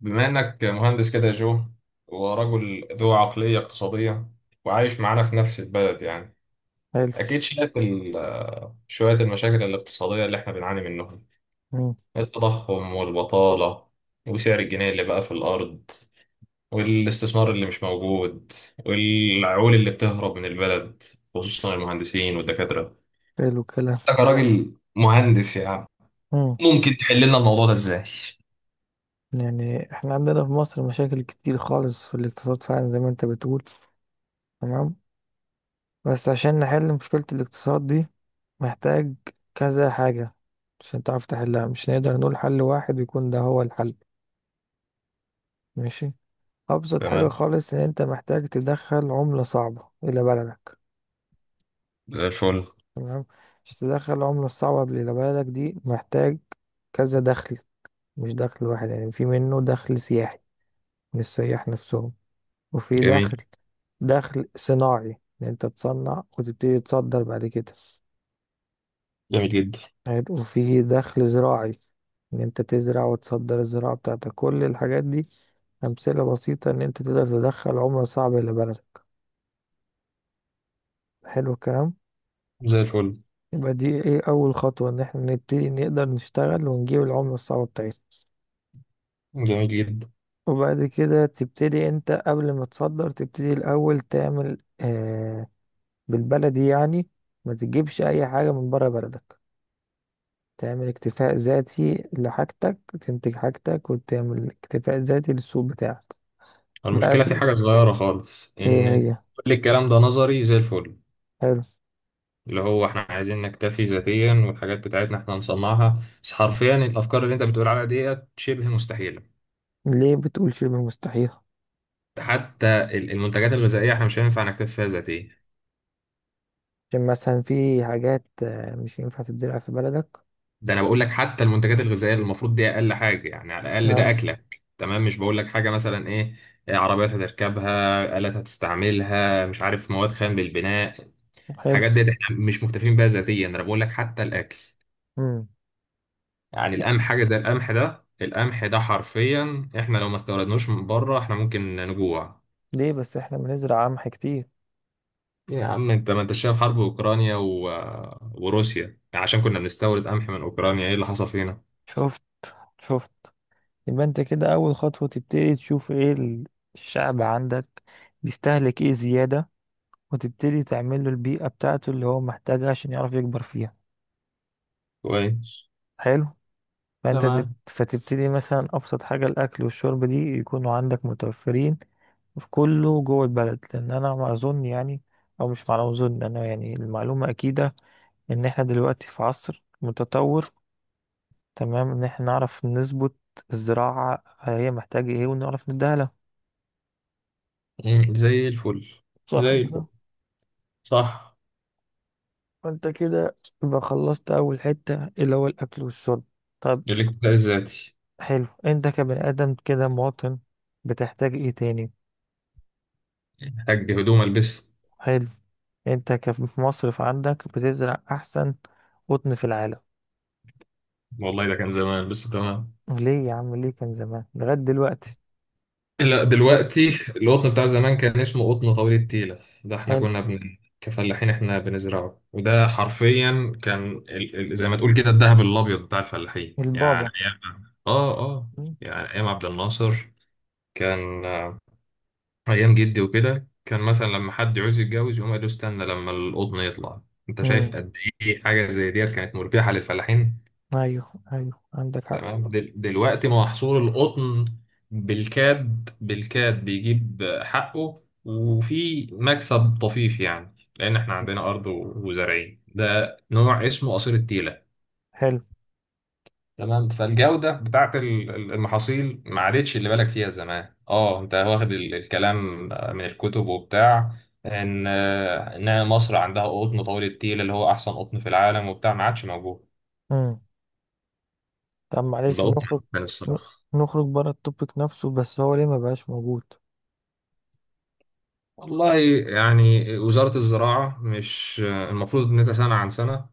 بما انك مهندس كده يا جو، ورجل ذو عقلية اقتصادية وعايش معانا في نفس البلد يعني. حلو. اكيد شايف شوية المشاكل الاقتصادية اللي احنا بنعاني منهم. مم. التضخم والبطالة، وسعر الجنيه اللي بقى في الارض، والاستثمار اللي مش موجود، والعقول اللي بتهرب من البلد، خصوصا المهندسين والدكاترة. حلو الكلام. انت كراجل مهندس يعني، مم. ممكن تحل لنا الموضوع ده ازاي؟ يعني احنا عندنا في مصر مشاكل كتير خالص في الاقتصاد فعلا زي ما انت بتقول، تمام. بس عشان نحل مشكلة الاقتصاد دي، محتاج كذا حاجة عشان تعرف تحلها، مش نقدر نقول حل واحد يكون ده هو الحل. ماشي. أبسط حاجة تمام، خالص إن أنت محتاج تدخل عملة صعبة إلى بلدك. زي الفل. تمام. عشان تدخل العملة الصعبة إلى بلدك دي، محتاج كذا دخل، مش دخل واحد. يعني في منه دخل سياحي من السياح نفسهم، وفي جميل دخل صناعي، ان انت تصنع وتبتدي تصدر بعد كده. جميل جدا. حلو. وفي دخل زراعي، ان انت تزرع وتصدر الزراعة بتاعتك. كل الحاجات دي امثلة بسيطة ان انت تقدر تدخل عملة صعبة الى بلدك. حلو الكلام. زي الفل. يبقى دي ايه؟ اول خطوة ان احنا نبتدي نقدر نشتغل ونجيب العملة الصعبة بتاعتنا. جميل جدا. وبعد كده تبتدي انت، قبل ما تصدر تبتدي الاول تعمل بالبلدي يعني، ما تجيبش اي حاجة من بره بلدك. تعمل اكتفاء ذاتي لحاجتك، تنتج حاجتك وتعمل اكتفاء ذاتي للسوق بتاعك. بقى المشكلة في في. حاجة صغيرة خالص، ايه إن هي؟ كل الكلام ده نظري زي الفل. حلو. اللي هو إحنا عايزين نكتفي ذاتيا والحاجات بتاعتنا إحنا نصنعها، بس حرفيا الأفكار اللي أنت بتقول عليها ديت شبه مستحيلة. ليه بتقول شبه مستحيل؟ حتى المنتجات الغذائية إحنا مش هينفع نكتفي فيها ذاتيا. عشان مثلا في حاجات مش ينفع تتزرع في بلدك. ده أنا بقول لك حتى المنتجات الغذائية، اللي المفروض دي أقل حاجة، يعني على الأقل ده اه. أكلك. تمام، مش بقول لك حاجة مثلا إيه. إيه، عربيات هتركبها، آلات هتستعملها، مش عارف، مواد خام للبناء. حلو. الحاجات ديت إحنا مش مكتفين بيها ذاتيا. أنا بقول لك حتى الأكل. امم. يعني القمح، حاجة زي القمح ده، القمح ده حرفيا احنا لو ما استوردناش من بره احنا ممكن نجوع. ليه؟ بس احنا بنزرع قمح كتير. يا عم انت، ما انت شايف حرب اوكرانيا وروسيا. يعني عشان كنا بنستورد قمح من اوكرانيا، ايه اللي حصل فينا؟ شفت، شفت. يبقى انت كده اول خطوة تبتدي تشوف ايه الشعب عندك بيستهلك ايه زيادة، وتبتدي تعمل له البيئة بتاعته اللي هو محتاجها عشان يعرف يكبر فيها. كويس. حلو. فانت تمام. فتبتدي مثلا ابسط حاجه، الاكل والشرب دي يكونوا عندك متوفرين في كله جوه البلد، لان انا ما اظن يعني، او مش معلومه اظن انا، يعني المعلومه اكيده ان احنا دلوقتي في عصر متطور، تمام، ان احنا نعرف نظبط الزراعه هي محتاجه ايه ونعرف نديها لها. مم، زي الفل. صح زي الفل. كده؟ صح. فانت كده يبقى خلصت اول حتة اللي هو الاكل والشرب. طب. الاكتفاء الذاتي. حلو. انت كبني ادم كده مواطن، بتحتاج ايه تاني؟ محتاج هدوم البسها. حلو. انت مصرف عندك بتزرع احسن قطن في العالم. والله ده كان زمان، بس تمام. ليه يا عم؟ ليه كان زمان لغاية دلوقتي؟ لا، له. دلوقتي. القطن بتاع زمان كان اسمه قطن طويل التيلة، ده احنا حلو. كنا بن... كفلاحين احنا بنزرعه، وده حرفيا كان زي ما تقول كده الذهب الابيض بتاع الفلاحين. يعني البابا. ايام يعني ايام عبد الناصر. كان ايام جدي وكده، كان مثلا لما حد يعوز يتجوز يقوم قال له استنى لما القطن يطلع. انت امم. شايف قد ايه حاجه زي ديت كانت مربحه للفلاحين. ايوه ايوه، عندك حق. تمام. دلوقتي محصول القطن بالكاد بالكاد بيجيب حقه، وفي مكسب طفيف، يعني لأن احنا عندنا أرض وزارعين ده نوع اسمه قصير التيلة. حلو. تمام. فالجودة بتاعت المحاصيل ما عادتش اللي بالك فيها زمان. اه، انت واخد الكلام من الكتب وبتاع، ان مصر عندها قطن طويل التيل اللي هو احسن قطن في العالم وبتاع، ما عادش موجود. امم. طب ده معلش قطن نخرج، عفن ن- الصراحة. نخرج بره التوبيك نفسه، بس هو ليه ما بقاش موجود؟ والله يعني، وزارة الزراعة مش المفروض إن أنت سنة عن سنة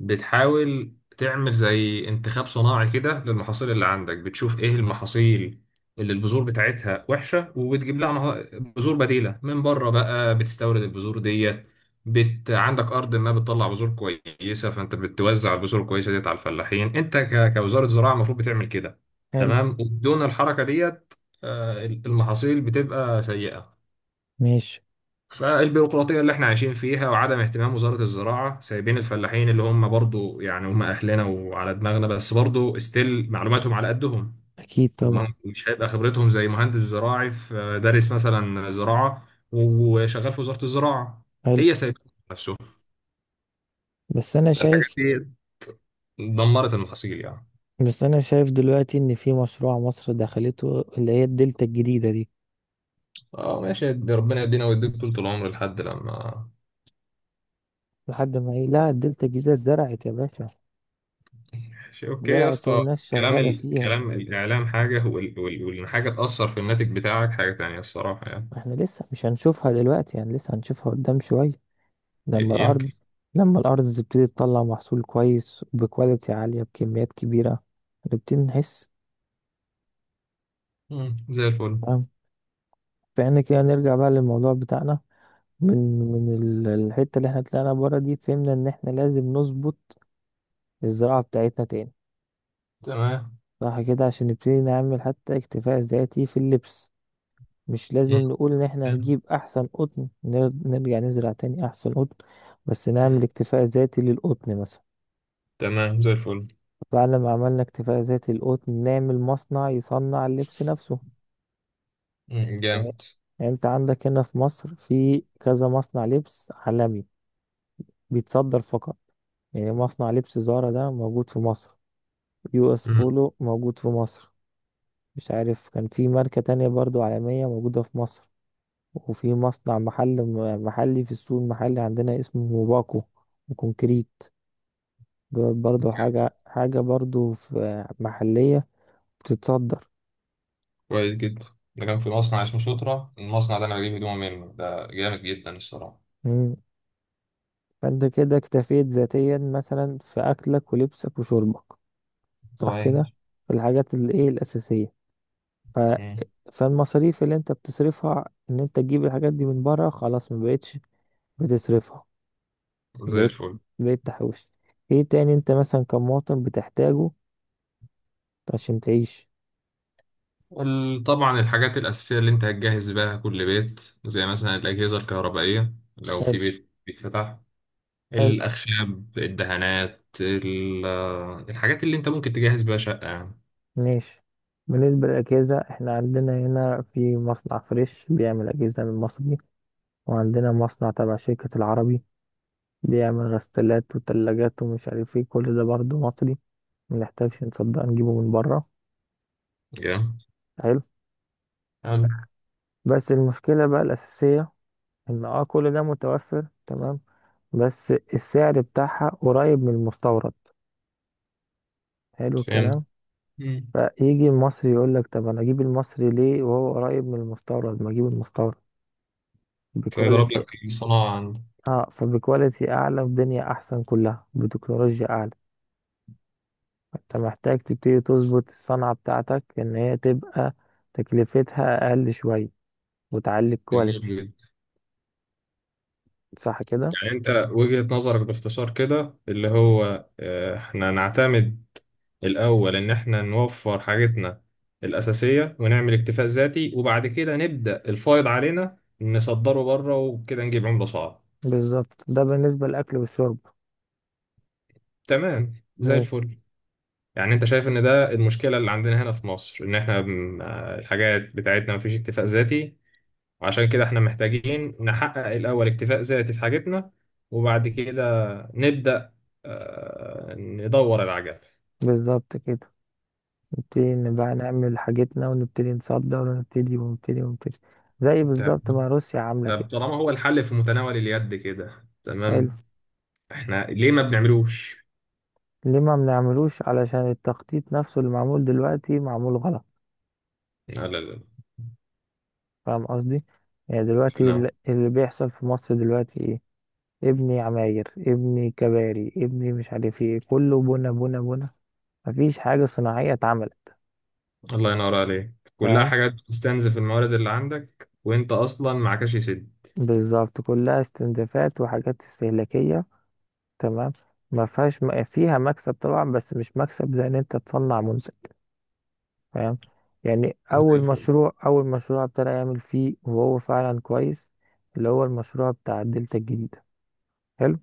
بتحاول تعمل زي انتخاب صناعي كده للمحاصيل اللي عندك، بتشوف إيه المحاصيل اللي البذور بتاعتها وحشة وبتجيب لها بذور بديلة من بره، بقى بتستورد البذور ديت. عندك أرض ما بتطلع بذور كويسة، فأنت بتوزع البذور الكويسة ديت على الفلاحين. أنت كوزارة زراعة المفروض بتعمل كده. حلو. تمام، وبدون الحركة ديت المحاصيل بتبقى سيئة. ماشي. فالبيروقراطية اللي احنا عايشين فيها، وعدم اهتمام وزارة الزراعة، سايبين الفلاحين اللي هم برضو يعني هم أهلنا وعلى دماغنا، بس برضو استيل معلوماتهم على قدهم. اكيد طبعا. ومش هيبقى خبرتهم زي مهندس زراعي في، دارس مثلا زراعة وشغال في وزارة الزراعة. حلو. هي سايبة نفسه. بس انا فالحاجات شايف دي دمرت المحاصيل يعني. بس انا شايف دلوقتي ان في مشروع مصر دخلته اللي هي الدلتا الجديدة دي. اه ماشي، دي ربنا يدينا ويديك طول العمر لحد لما. لحد ما ايه؟ لا، الدلتا الجديدة اتزرعت يا باشا. ماشي، اوكي يا زرعت اسطى. والناس كلام شغالة فيها. كلام الإعلام حاجة، والحاجة تأثر في الناتج بتاعك حاجة تانية، الصراحة يعني. احنا لسه مش هنشوفها دلوقتي، يعني لسه هنشوفها قدام شوية، لما يمكن. الأرض لما الأرض تبتدي تطلع محصول كويس بكواليتي عالية بكميات كبيرة، نبتدي نحس. مم. زي الفل. تمام. فإحنا كده نرجع بقى للموضوع بتاعنا من الحتة اللي احنا طلعنا بره دي، فهمنا إن احنا لازم نظبط الزراعة بتاعتنا تاني. تمام. صح كده؟ عشان نبتدي نعمل حتى اكتفاء ذاتي في اللبس. مش مم. لازم نقول ان احنا هنجيب احسن قطن، نرجع نزرع تاني احسن قطن، بس نعمل اكتفاء ذاتي للقطن مثلا. تمام. زي الفل. بعد ما عملنا اكتفاء ذاتي للقطن، نعمل مصنع يصنع اللبس نفسه. مم. يعني جامد. يعني انت عندك هنا في مصر في كذا مصنع لبس عالمي بيتصدر فقط. يعني مصنع لبس زارا ده موجود في مصر، يو اس مم. بولو موجود في مصر، مش عارف كان في ماركة تانية برضو عالمية موجودة في مصر. وفي مصنع محلي في السوق المحلي عندنا، اسمه موباكو وكونكريت. دول برضو حاجة حاجة، برضو في محلية بتتصدر. كويس جدا. ده كان في مصنع اسمه سوترا، المصنع ده انا بجيب هدوم منه، ده جامد جدا الصراحه. مم. فانت كده اكتفيت ذاتيا مثلا في أكلك ولبسك وشربك، صح كده، كويس. في الحاجات الايه الأساسية. ف... مم. فالمصاريف اللي انت بتصرفها ان انت تجيب الحاجات دي من بره، خلاص ما بقتش بتصرفها. زي بقيت الفل. بقيت تحوش. ايه تاني انت مثلا كمواطن بتحتاجه عشان تعيش؟ طبعا الحاجات الاساسيه اللي انت هتجهز بيها كل بيت، زي مثلا الاجهزه الكهربائيه لو حلو. في بيت بيتفتح، حلو. الاخشاب، الدهانات، الحاجات اللي انت ممكن تجهز بيها شقه يعني. ماشي. بالنسبة للأجهزة، احنا عندنا هنا في مصنع فريش بيعمل أجهزة من مصري، وعندنا مصنع تبع شركة العربي بيعمل غسالات وتلاجات ومش عارف ايه، كل ده برضه مصري، منحتاجش نصدق نجيبه من بره. جامد. حلو. حلو. بس المشكلة بقى الأساسية إن كل ده متوفر تمام، بس السعر بتاعها قريب من المستورد. حلو فهمت. الكلام. فيجي المصري يقول لك طب انا اجيب المصري ليه وهو قريب من المستورد؟ ما اجيب المستورد تلاقي ضرب بكواليتي لك الصناعة عندك. اه فبكواليتي اعلى في دنيا احسن، كلها بتكنولوجيا اعلى. انت محتاج تبتدي تظبط الصنعة بتاعتك ان هي تبقى تكلفتها اقل شوية، وتعلي جميل الكواليتي. جدا. صح كده؟ يعني انت وجهة نظرك باختصار كده اللي هو احنا نعتمد الاول ان احنا نوفر حاجتنا الاساسية ونعمل اكتفاء ذاتي، وبعد كده نبدأ الفائض علينا نصدره بره وكده نجيب عملة صعبة. بالظبط. ده بالنسبة للاكل والشرب. تمام، زي ماشي. الفل. يعني انت شايف ان ده المشكلة اللي عندنا هنا في مصر، ان احنا الحاجات بتاعتنا مفيش اكتفاء ذاتي، وعشان كده احنا محتاجين نحقق الأول اكتفاء ذاتي في حاجتنا، وبعد كده نبدأ ندور العجل. بالظبط كده، نبتدي نبقى نعمل حاجتنا ونبتدي نصدر، ونبتدي ونبتدي ونبتدي، زي طب بالظبط ما روسيا عاملة طب كده. طالما هو الحل في متناول اليد كده، حلو. تمام احنا ليه ما بنعملوش؟ ليه ما بنعملوش؟ علشان التخطيط نفسه اللي معمول دلوقتي معمول غلط. لا لا لا. فاهم قصدي؟ يعني دلوقتي لا. اللي بيحصل في مصر دلوقتي ايه؟ ابني عماير، ابني كباري، ابني مش عارف ايه، كله بنا بنا بنا، مفيش حاجة صناعية اتعملت. الله ينور عليك، كلها فاهم. حاجات بتستنزف الموارد اللي عندك وانت اصلا معكش سد. بالظبط كلها استنزافات وحاجات استهلاكية. تمام. ما فيهاش فيها مكسب طبعا، بس مش مكسب زي ان انت تصنع منتج. فاهم. يعني زي اول الفل. مشروع اول مشروع ابتدى يعمل فيه وهو فعلا كويس، اللي هو المشروع بتاع الدلتا الجديدة. حلو.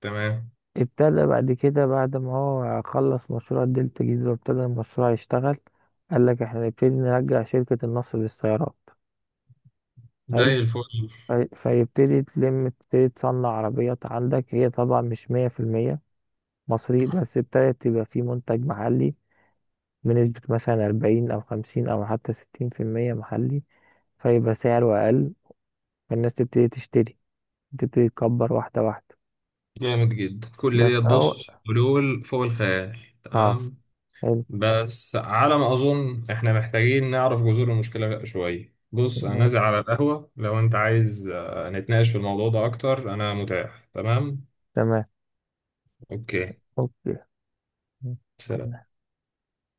تمام. ابتدى بعد كده، بعد ما هو خلص مشروع دلتا جيزة وابتدى المشروع يشتغل، قال لك احنا نبتدي نرجع شركة النصر للسيارات. حلو. زي الفل. فيبتدي تلم، تبتدي تصنع عربيات عندك، هي طبعا مش 100% مصري، بس ابتدت تبقى في منتج محلي بنسبة مثلا 40 أو 50 أو حتى 60% محلي، فيبقى سعره أقل، فالناس تبتدي تشتري، تبتدي تكبر واحدة واحدة. جامد جدا، كل دي بس أو. تبص حلول فوق الخيال. اه. تمام. حلو. بس على ما أظن إحنا محتاجين نعرف جذور المشكلة شوية. بص، أنا نازل ماشي. على القهوة لو أنت عايز نتناقش في الموضوع ده أكتر. أنا متاح، تمام؟ تمام. أوكي. أوكي. سلام.